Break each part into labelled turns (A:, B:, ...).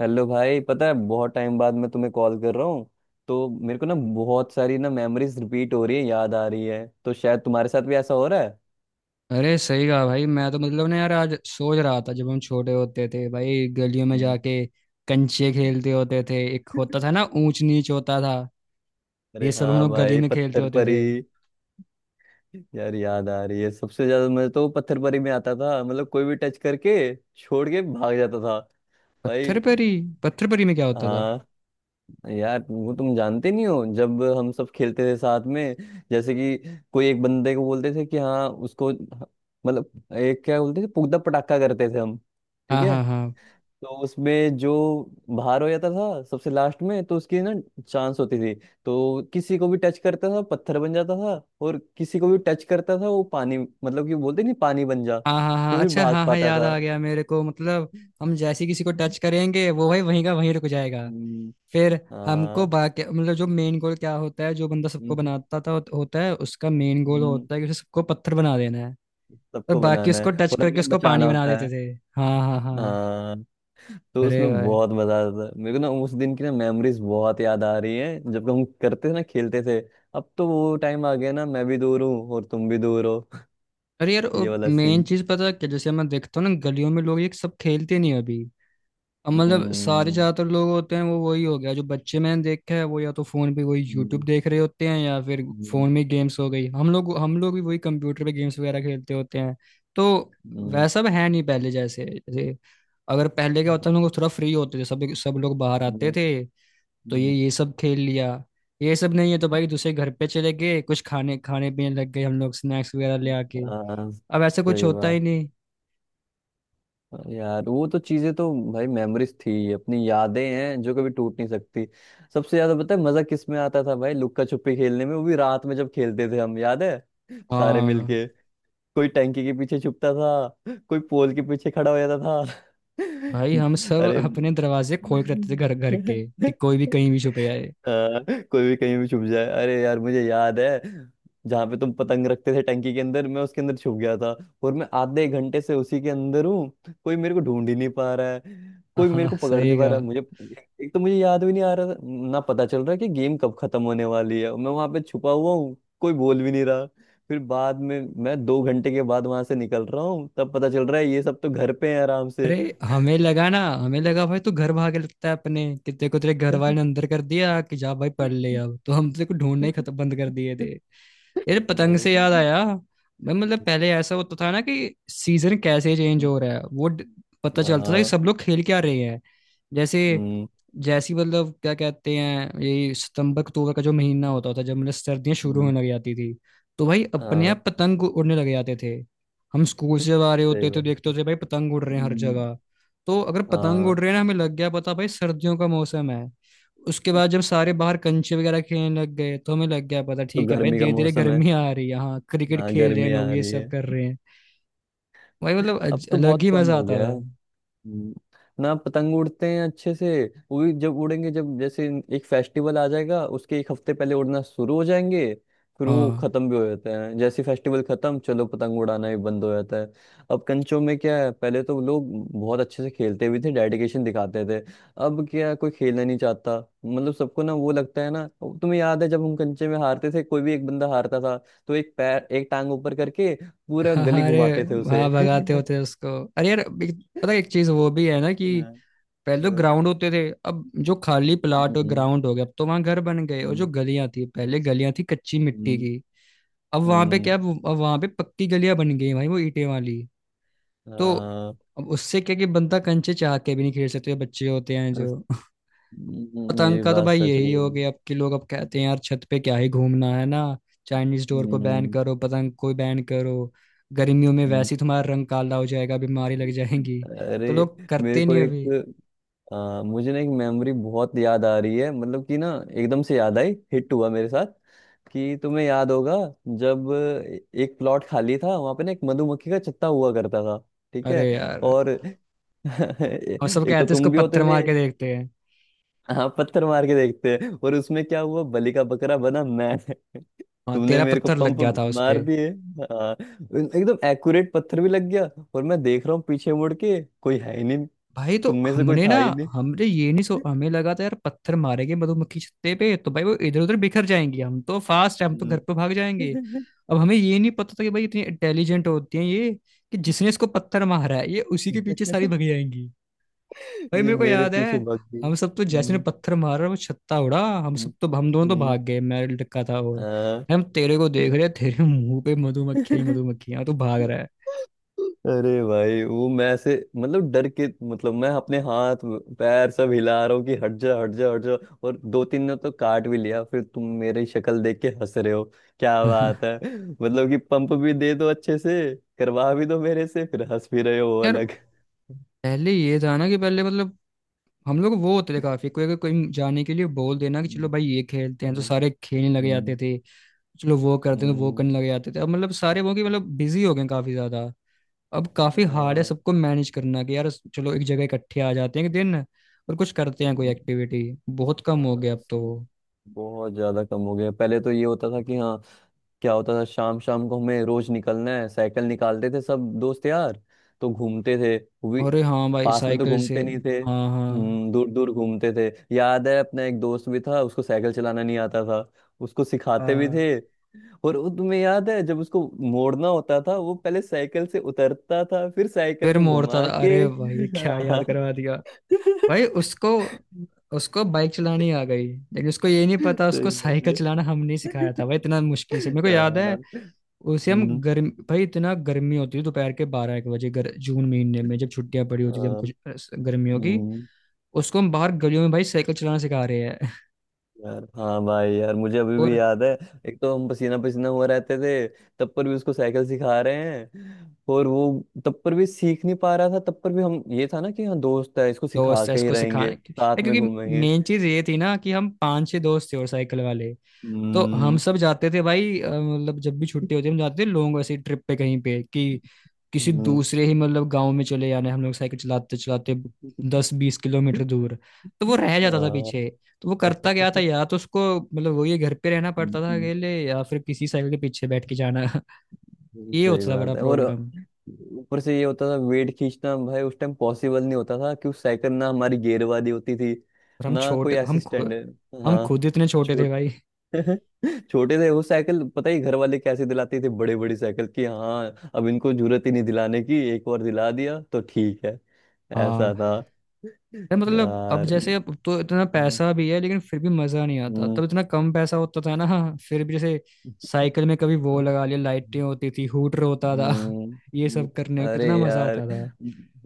A: Hello भाई, पता है बहुत टाइम बाद मैं तुम्हें कॉल कर रहा हूँ। तो मेरे को ना बहुत सारी ना मेमोरीज रिपीट हो रही है, याद आ रही है। तो शायद तुम्हारे साथ भी ऐसा हो रहा है।
B: अरे सही कहा भाई। मैं तो यार आज सोच रहा था जब हम छोटे होते थे भाई, गलियों में
A: हम्म।
B: जाके कंचे खेलते होते थे। एक होता था ना, ऊंच नीच होता था।
A: अरे
B: ये सब हम
A: हाँ
B: लोग गली
A: भाई,
B: में खेलते
A: पत्थर
B: होते
A: परी।
B: थे।
A: यार, याद आ रही है, सबसे ज्यादा मैं तो पत्थर परी में आता था, मतलब कोई भी टच करके छोड़ के भाग जाता था।
B: पत्थर
A: भाई।
B: परी, पत्थर परी में क्या होता था?
A: हाँ। यार, वो तुम जानते नहीं हो, जब हम सब खेलते थे साथ में, जैसे कि कोई एक बंदे को बोलते थे कि हाँ उसको, मतलब एक, क्या बोलते थे, पुगदा पटाखा करते थे हम। ठीक
B: हाँ
A: है।
B: हाँ हाँ।
A: तो उसमें जो बाहर हो जाता था सबसे लास्ट में, तो उसकी ना, चांस होती थी। तो किसी को भी टच करता था, पत्थर बन जाता था। और किसी को भी टच करता था वो पानी, मतलब कि बोलते नहीं, पानी बन जा,
B: हाँ हाँ हाँ,
A: तो फिर
B: अच्छा,
A: भाग
B: हाँ हाँ,
A: पाता
B: याद
A: था।
B: आ गया मेरे को। मतलब हम जैसे किसी को टच करेंगे वो भाई वहीं का वहीं रुक जाएगा।
A: हम्म,
B: फिर हमको
A: हाँ।
B: बाकी, मतलब जो मेन गोल क्या होता है, जो बंदा सबको
A: हम्म,
B: बनाता था होता है उसका मेन गोल
A: हम्म,
B: होता है कि उसे सबको पत्थर बना देना है। और
A: सबको
B: बाकी
A: बनाना
B: उसको
A: है
B: टच
A: और
B: करके
A: हमें
B: उसको
A: बचाना
B: पानी बना
A: होता
B: देते
A: है।
B: थे। हाँ हाँ हाँ।
A: हाँ, तो
B: अरे
A: उसमें
B: भाई।
A: बहुत मजा आता था मेरे को ना, उस दिन की ना मेमोरीज बहुत याद आ रही है, जब हम करते थे ना खेलते थे। अब तो वो टाइम आ गया ना, मैं भी दूर हूँ और तुम भी दूर हो।
B: अरे यार,
A: ये वाला
B: मेन
A: सीन।
B: चीज पता है क्या? जैसे मैं देखता हूँ ना, गलियों में लोग ये सब खेलते नहीं अभी। अब मतलब सारे
A: हम्म,
B: ज्यादातर लोग होते हैं वो, वही हो गया, जो बच्चे मैंने देखा है वो या तो फोन पे वही यूट्यूब
A: हम्म,
B: देख रहे होते हैं या फिर
A: हम्म,
B: फोन में गेम्स हो गई। हम लोग भी वही कंप्यूटर पे गेम्स वगैरह खेलते होते हैं। तो
A: हम्म,
B: वैसा अब है नहीं, पहले जैसे जैसे, अगर पहले क्या होता है हम लोग थोड़ा फ्री होते थे, सब सब लोग बाहर आते
A: हम्म,
B: थे, तो ये
A: हम्म।
B: ये सब खेल लिया। ये सब नहीं है तो भाई दूसरे घर पे चले गए, कुछ खाने खाने पीने लग गए हम लोग, स्नैक्स वगैरह ले आके।
A: हाँ,
B: अब ऐसा कुछ
A: सही
B: होता ही
A: बात।
B: नहीं।
A: यार, वो तो चीजें तो, भाई मेमोरीज थी, अपनी यादें हैं जो कभी टूट नहीं सकती। सबसे ज्यादा पता है मजा किस में आता था भाई, लुक्का छुपी खेलने में। वो भी रात में जब खेलते थे हम, याद है? सारे
B: हाँ
A: मिलके। कोई टंकी के पीछे छुपता था, कोई पोल के पीछे खड़ा हो जाता था।
B: भाई, हम सब
A: अरे!
B: अपने दरवाजे खोल के रखते थे
A: हम्म।
B: घर घर के, कि कोई भी कहीं भी छुप जाए।
A: हाँ, कोई भी कहीं भी छुप जाए, अरे यार, मुझे याद है। जहाँ पे तुम पतंग रखते थे टंकी के अंदर, मैं उसके अंदर छुप गया था। और मैं आधे एक घंटे से उसी के अंदर हूँ, कोई मेरे को ढूंढ ही नहीं पा रहा है, कोई मेरे
B: हाँ
A: को पकड़
B: सही
A: नहीं पा
B: का।
A: रहा है मुझे। एक तो मुझे याद भी नहीं आ रहा था, ना पता चल रहा है कि गेम कब खत्म होने वाली है, मैं वहां पे छुपा हुआ हूँ, कोई बोल भी नहीं रहा। फिर बाद में मैं 2 घंटे के बाद वहां से निकल रहा हूँ, तब पता चल रहा है ये सब तो घर पे हैं आराम से।
B: अरे, हमें लगा भाई तू घर भागे लगता है अपने, कि तेरे को तेरे घर वाले ने अंदर कर दिया कि जा भाई पढ़ ले, अब तो हम तेरे को ढूंढना ही खत्म, बंद कर दिए थे। यार पतंग से याद
A: नहीं।
B: आया, मैं मतलब पहले ऐसा होता था ना कि सीजन कैसे चेंज हो रहा है वो पता चलता था कि
A: हाँ।
B: सब लोग खेल क्या रहे हैं। जैसे,
A: हम्म,
B: जैसी मतलब क्या कहते हैं, ये सितंबर अक्टूबर का जो महीना होता था जब मतलब सर्दियां शुरू
A: हम्म।
B: होने लग जाती थी, तो भाई अपने आप
A: हाँ,
B: पतंग उड़ने लग जाते थे। हम स्कूल से जब आ रहे
A: सही
B: होते तो
A: बात
B: देखते
A: है।
B: होते भाई पतंग उड़ रहे हैं हर
A: हम्म,
B: जगह। तो अगर पतंग
A: हाँ,
B: उड़ रहे हैं ना, हमें लग गया पता भाई सर्दियों का मौसम है। उसके बाद जब सारे बाहर कंचे वगैरह खेलने लग गए तो हमें लग गया पता,
A: तो
B: ठीक है भाई
A: गर्मी का
B: धीरे धीरे
A: मौसम है।
B: गर्मी आ रही है, हाँ क्रिकेट
A: हाँ,
B: खेल रहे हैं
A: गर्मी आ
B: लोग, ये
A: रही
B: सब
A: है।
B: कर रहे हैं। भाई मतलब
A: अब तो
B: अलग
A: बहुत
B: ही
A: कम
B: मजा
A: हो
B: आता
A: गया
B: था।
A: है। हम्म, ना पतंग उड़ते हैं अच्छे से। वो भी जब उड़ेंगे, जब जैसे एक फेस्टिवल आ जाएगा, उसके एक हफ्ते पहले उड़ना शुरू हो जाएंगे। फिर वो
B: हाँ,
A: खत्म भी हो जाते हैं, जैसे फेस्टिवल खत्म, चलो पतंग उड़ाना ही बंद हो जाता है। अब कंचों में क्या है, पहले तो लोग बहुत अच्छे से खेलते भी थे, डेडिकेशन दिखाते थे। अब क्या है, कोई खेलना नहीं चाहता, मतलब सबको ना वो लगता है ना। अब तुम्हें याद है जब हम कंचे में हारते थे, कोई भी एक बंदा हारता था, तो एक पैर, एक टांग ऊपर करके पूरा गली
B: हाँ, अरे,
A: घुमाते थे उसे।
B: हाँ भगाते होते उसको। अरे यार पता है एक चीज वो भी है ना कि
A: हाँ,
B: पहले तो
A: हाँ।
B: ग्राउंड होते थे, अब जो खाली प्लाट और
A: हम्म,
B: ग्राउंड हो गया अब तो वहां घर बन गए। और जो
A: हम्म,
B: गलियां थी, पहले गलियां थी कच्ची मिट्टी
A: हम्म,
B: की, अब वहां पे
A: हम्म।
B: क्या, अब वहां पे पक्की गलियां बन गई हैं भाई, वो ईंटें वाली। तो
A: हाँ,
B: अब उससे क्या कि बंदा कंचे चाह के भी नहीं खेल सकते, बच्चे होते हैं जो।
A: अस- ये
B: पतंग
A: भी
B: का तो
A: बात
B: भाई
A: सच
B: यही हो
A: बोली।
B: गया, अब के लोग अब कहते हैं यार छत पे क्या ही घूमना है ना, चाइनीज डोर को बैन
A: हम्म,
B: करो, पतंग को बैन करो, गर्मियों में
A: हम्म,
B: वैसे ही तुम्हारा रंग काला हो जाएगा, बीमारी लग जाएंगी।
A: अरे,
B: तो लोग
A: मेरे
B: करते
A: को
B: नहीं
A: एक।
B: अभी।
A: मुझे ना एक मेमोरी बहुत याद आ रही है, मतलब कि ना एकदम से याद आई, हिट हुआ मेरे साथ। कि तुम्हें याद होगा जब एक प्लॉट खाली था वहां पे ना, एक मधुमक्खी का छत्ता हुआ करता था। ठीक है।
B: अरे यार।
A: और
B: हम सब कहते
A: एक तो
B: हैं इसको
A: तुम भी होते
B: पत्थर
A: थे।
B: मार के देखते हैं।
A: हाँ, पत्थर मार के देखते हैं, और उसमें क्या हुआ, बलि का बकरा बना मैं।
B: हाँ
A: तुमने
B: तेरा
A: मेरे को
B: पत्थर लग
A: पंप
B: गया था उस
A: मार
B: पे।
A: दिए। हाँ, एकदम एक्यूरेट पत्थर भी लग गया। और मैं देख रहा हूँ पीछे मुड़ के, कोई है ही नहीं।
B: भाई तो
A: तुम में से कोई
B: हमने ना,
A: था ही नहीं।
B: हमने ये नहीं सो हमें लगा था यार पत्थर मारेंगे मधुमक्खी छत्ते पे तो भाई वो इधर उधर बिखर जाएंगी, हम तो फास्ट है, हम तो घर
A: हम्म।
B: पे भाग जाएंगे। अब हमें ये नहीं पता था कि भाई इतनी इंटेलिजेंट होती हैं ये, कि जिसने इसको पत्थर मारा है ये उसी के पीछे सारी भग जाएंगी। भाई
A: ये
B: मेरे को
A: मेरे
B: याद है,
A: पीछे भाग गई।
B: हम सब तो जैसे ने
A: हम्म,
B: पत्थर मारा वो छत्ता उड़ा, हम
A: हम्म,
B: सब तो हम दोनों तो
A: हम्म।
B: भाग गए, मैं लटका था, और
A: हाँ।
B: भाई हम तेरे को देख रहे हैं, तेरे मुंह पे मधुमक्खियां ही मधुमक्खियां, तू भाग रहा
A: अरे भाई, वो मैं ऐसे, मतलब डर के, मतलब मैं अपने हाथ पैर सब हिला रहा हूँ कि हट जा, हट जा, हट जा। और दो तीन ने तो काट भी लिया, फिर तुम मेरी शक्ल देख के हंस रहे हो, क्या
B: है।
A: बात है। मतलब कि पंप भी दे दो, अच्छे से करवा भी दो मेरे से, फिर हंस भी रहे हो वो
B: यार
A: अलग।
B: पहले ये था ना कि पहले मतलब हम लोग वो होते थे काफी, कोई अगर कोई जाने के लिए बोल देना कि चलो
A: हम्म,
B: भाई ये खेलते हैं तो
A: हम्म,
B: सारे खेलने लगे जाते
A: हम्म,
B: थे, चलो वो करते हैं तो वो
A: हम्म।
B: करने लगे जाते थे। अब मतलब सारे वो कि मतलब बिजी हो गए हैं काफी ज्यादा। अब
A: आ,
B: काफी हार्ड है सबको मैनेज करना कि यार चलो एक जगह इकट्ठे आ जाते हैं एक दिन, और कुछ करते हैं कोई
A: हम्म,
B: एक्टिविटी। बहुत कम
A: आ,
B: हो गया अब तो।
A: बहुत ज्यादा कम हो गया। पहले तो ये होता था कि हाँ, क्या होता था, शाम शाम को हमें रोज निकलना है, साइकिल निकालते थे सब दोस्त यार। तो घूमते थे। वी,
B: अरे हाँ भाई
A: पास में तो
B: साइकिल से।
A: घूमते नहीं थे,
B: हाँ हाँ।
A: दूर दूर घूमते थे। याद है, अपना एक दोस्त भी था, उसको साइकिल चलाना नहीं आता था, उसको सिखाते भी
B: हाँ
A: थे। और वो तुम्हें याद है जब उसको मोड़ना होता था, वो पहले साइकिल से उतरता था, फिर साइकिल
B: फिर
A: को
B: मोड़ता
A: घुमा
B: था,
A: के।
B: अरे भाई ये क्या याद
A: हाँ।
B: करवा। भाई
A: सही
B: उसको, उसको बाइक चलानी आ गई लेकिन उसको ये नहीं पता उसको
A: बात
B: साइकिल
A: है।
B: चलाना हमने सिखाया था भाई, इतना मुश्किल से, मेरे को याद है।
A: हाँ।
B: उसे हम
A: हम्म,
B: गर्म भाई इतना गर्मी होती थी, दोपहर के 12-1 बजे जून महीने में जब छुट्टियां पड़ी होती थी, हम
A: हाँ।
B: कुछ गर्मियों की,
A: हम्म।
B: उसको हम बाहर गलियों में भाई साइकिल चलाना सिखा रहे हैं।
A: यार, हाँ भाई, यार मुझे अभी भी
B: और
A: याद है। एक तो हम पसीना पसीना हुआ रहते थे, तब पर भी उसको साइकिल सिखा रहे हैं। और वो तब पर भी सीख नहीं पा रहा था, तब पर भी हम ये था ना कि हाँ, दोस्त है, इसको सिखा
B: दोस्त है
A: के ही
B: उसको
A: रहेंगे,
B: सिखाने के है,
A: साथ में
B: क्योंकि
A: घूमेंगे।
B: मेन चीज ये थी ना कि हम पांच छह दोस्त थे और साइकिल वाले, तो हम
A: हम्म,
B: सब जाते थे भाई, मतलब जब भी छुट्टी होती है हम जाते थे लोगों को ऐसे ट्रिप पे कहीं पे, कि किसी
A: हम्म।
B: दूसरे ही मतलब गांव में चले जाना है। हम लोग साइकिल चलाते चलाते 10-20 किलोमीटर दूर, तो वो रह जाता था
A: हाँ।
B: पीछे। तो वो करता क्या था, या तो उसको मतलब वही घर पे रहना पड़ता था अकेले, या फिर किसी साइकिल के पीछे बैठ के जाना। ये
A: सही
B: होता था
A: बात
B: बड़ा
A: है और।
B: प्रॉब्लम।
A: ऊपर से ये होता था वेट खींचना भाई, उस टाइम पॉसिबल नहीं होता था, क्योंकि साइकिल ना हमारी गियर वाली होती थी,
B: और
A: ना कोई असिस्टेंट है।
B: हम
A: हाँ,
B: खुद इतने छोटे थे
A: छोट
B: भाई।
A: छोटे थे वो। साइकिल पता ही घर वाले कैसे दिलाते थे, बड़े बड़ी साइकिल की। हाँ, अब इनको जरूरत ही नहीं दिलाने की, एक बार दिला दिया तो ठीक है।
B: हाँ।
A: ऐसा था
B: यार मतलब अब
A: यार।
B: जैसे, अब तो इतना
A: हम्म,
B: पैसा भी है लेकिन फिर भी मजा नहीं आता, तब इतना कम पैसा होता था ना, फिर भी जैसे साइकिल में कभी वो
A: हम्म,
B: लगा लिया, लाइटें होती थी, हूटर होता था। ये
A: हम्म।
B: सब करने में
A: अरे
B: कितना मजा
A: यार,
B: आता था।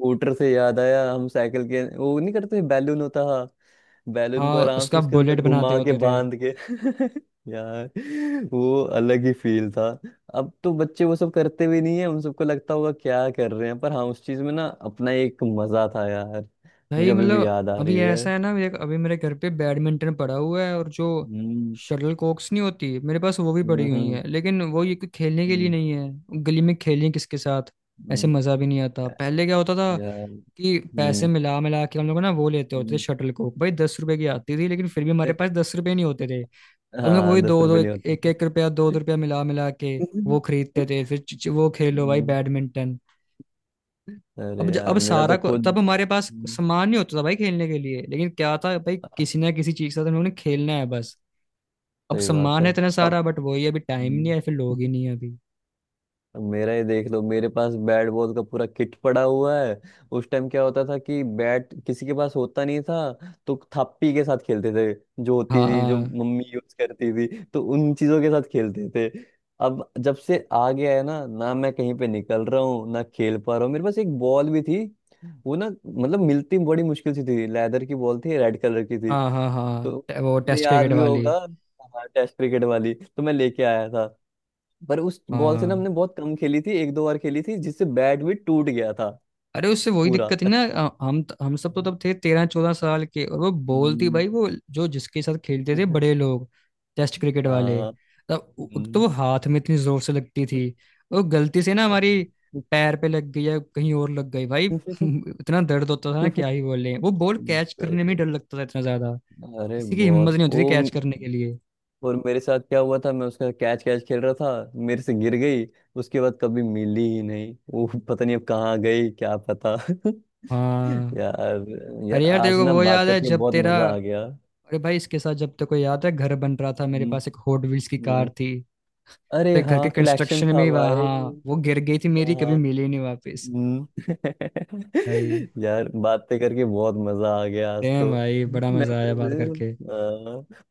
A: मोटर से याद आया, हम साइकिल के वो नहीं करते, बैलून होता है। बैलून को
B: हाँ
A: आराम से
B: उसका
A: उसके
B: बुलेट
A: अंदर
B: बनाते
A: घुमा के
B: होते थे।
A: बांध के। यार। वो अलग ही फील था। अब तो बच्चे वो सब करते भी नहीं है, उन सबको लगता होगा क्या कर रहे हैं, पर हाँ, उस चीज में ना अपना एक मजा था यार। मुझे
B: भाई
A: अभी भी
B: मतलब
A: याद आ
B: अभी
A: रही है।
B: ऐसा है ना, मेरे अभी मेरे घर पे बैडमिंटन पड़ा हुआ है, और जो
A: हम्म,
B: शटल कॉक्स नहीं होती मेरे पास वो भी
A: हम्म,
B: पड़ी हुई
A: हम्म,
B: है, लेकिन वो ये कोई खेलने के लिए
A: हम्म,
B: नहीं है, गली में खेलें किसके साथ। ऐसे
A: हम्म।
B: मज़ा भी नहीं आता। पहले क्या होता था
A: यार।
B: कि पैसे
A: हम्म,
B: मिला मिला के हम लोग ना वो लेते होते थे
A: हम्म।
B: शटल कॉक, भाई 10 रुपए की आती थी लेकिन फिर भी हमारे पास 10 रुपए नहीं होते थे। तो हम लोग
A: हाँ,
B: वही
A: दस
B: दो दो,
A: रुपये नहीं
B: एक एक,
A: होते
B: 1 रुपया दो दो रुपया मिला मिला के
A: थे।
B: वो खरीदते थे, फिर वो खेलो भाई
A: हम्म,
B: बैडमिंटन।
A: अरे
B: अब
A: यार, मेरा
B: सारा
A: तो
B: को
A: खुद।
B: तब हमारे पास
A: हम्म,
B: सम्मान नहीं होता था भाई खेलने के लिए, लेकिन क्या था भाई किसी ना किसी चीज के साथ उन्होंने खेलना है बस। अब
A: सही बात
B: सम्मान
A: है।
B: है इतना
A: अब।
B: सारा बट वही अभी टाइम नहीं
A: हम्म,
B: है, फिर लोग ही नहीं है अभी।
A: अब मेरा ही देख लो, मेरे पास बैट बॉल का पूरा किट पड़ा हुआ है। उस टाइम क्या होता था कि बैट किसी के पास होता नहीं था, तो थप्पी के साथ खेलते थे, जो होती
B: हाँ
A: थी जो
B: हाँ
A: मम्मी यूज करती थी, तो उन चीजों के साथ खेलते थे। अब जब से आ गया है ना, ना मैं कहीं पे निकल रहा हूँ, ना खेल पा रहा हूँ। मेरे पास एक बॉल भी थी। वो ना, मतलब मिलती बड़ी मुश्किल से थी, लेदर की बॉल थी, रेड कलर की थी।
B: हाँ। हाँ,
A: तो
B: हाँ, वो
A: मैं,
B: टेस्ट
A: याद
B: क्रिकेट
A: भी
B: वाली।
A: होगा। हाँ, टेस्ट क्रिकेट वाली तो मैं लेके आया था। पर उस बॉल से ना,
B: हाँ।
A: हमने बहुत कम खेली थी, एक दो बार खेली थी, जिससे बैट भी टूट गया था
B: अरे उससे वही
A: पूरा।
B: दिक्कत है
A: अच्छा।
B: ना, हम सब तो तब थे 13-14 साल के, और वो बोलती
A: हम्म।
B: भाई वो जो जिसके साथ खेलते थे बड़े लोग, टेस्ट क्रिकेट वाले,
A: हाँ।
B: तो
A: हम्म।
B: वो हाथ में इतनी जोर से लगती थी। वो गलती से ना हमारी पैर पे लग गई या कहीं और लग गई भाई, इतना दर्द होता था ना क्या ही बोले, वो बॉल कैच करने में ही
A: सही।
B: डर लगता था इतना ज्यादा,
A: अरे
B: किसी की हिम्मत
A: बहुत
B: नहीं होती
A: वो,
B: थी कैच करने के लिए।
A: और मेरे साथ क्या हुआ था, मैं उसका कैच कैच खेल रहा था, मेरे से गिर गई। उसके बाद कभी मिली ही नहीं वो, पता नहीं अब कहाँ गई, क्या पता।
B: हाँ।
A: यार।
B: अरे
A: यार,
B: यार तेरे
A: आज
B: को
A: ना
B: वो
A: बात
B: याद है
A: करके
B: जब
A: बहुत
B: तेरा,
A: मजा आ गया।
B: अरे भाई इसके साथ जब तक को याद है घर बन रहा था मेरे
A: हम्म,
B: पास एक हॉट व्हील्स की कार
A: हम्म।
B: थी।
A: अरे
B: तो घर
A: हाँ,
B: के
A: कलेक्शन
B: कंस्ट्रक्शन में
A: था
B: ही वहाँ,
A: भाई।
B: हाँ, वो गिर गई थी मेरी,
A: हाँ,
B: कभी
A: हाँ।
B: मिली नहीं वापस।
A: हम्म।
B: भाई।
A: यार, बातें करके बहुत मजा आ गया आज तो।
B: डैम भाई बड़ा मजा आया बात
A: मेमोरीज
B: करके।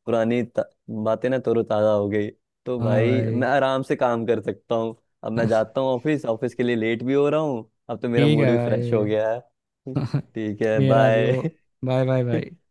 A: पुरानी बातें ना तरोताजा हो गई। तो
B: हाँ
A: भाई
B: भाई।
A: मैं आराम से काम कर सकता हूँ। अब मैं जाता हूँ ऑफिस, ऑफिस के लिए लेट भी हो रहा हूँ। अब तो मेरा
B: ठीक
A: मूड
B: है
A: भी फ्रेश हो गया है।
B: भाई।
A: ठीक है,
B: मेरा भी
A: बाय।
B: हो, बाय बाय भाई।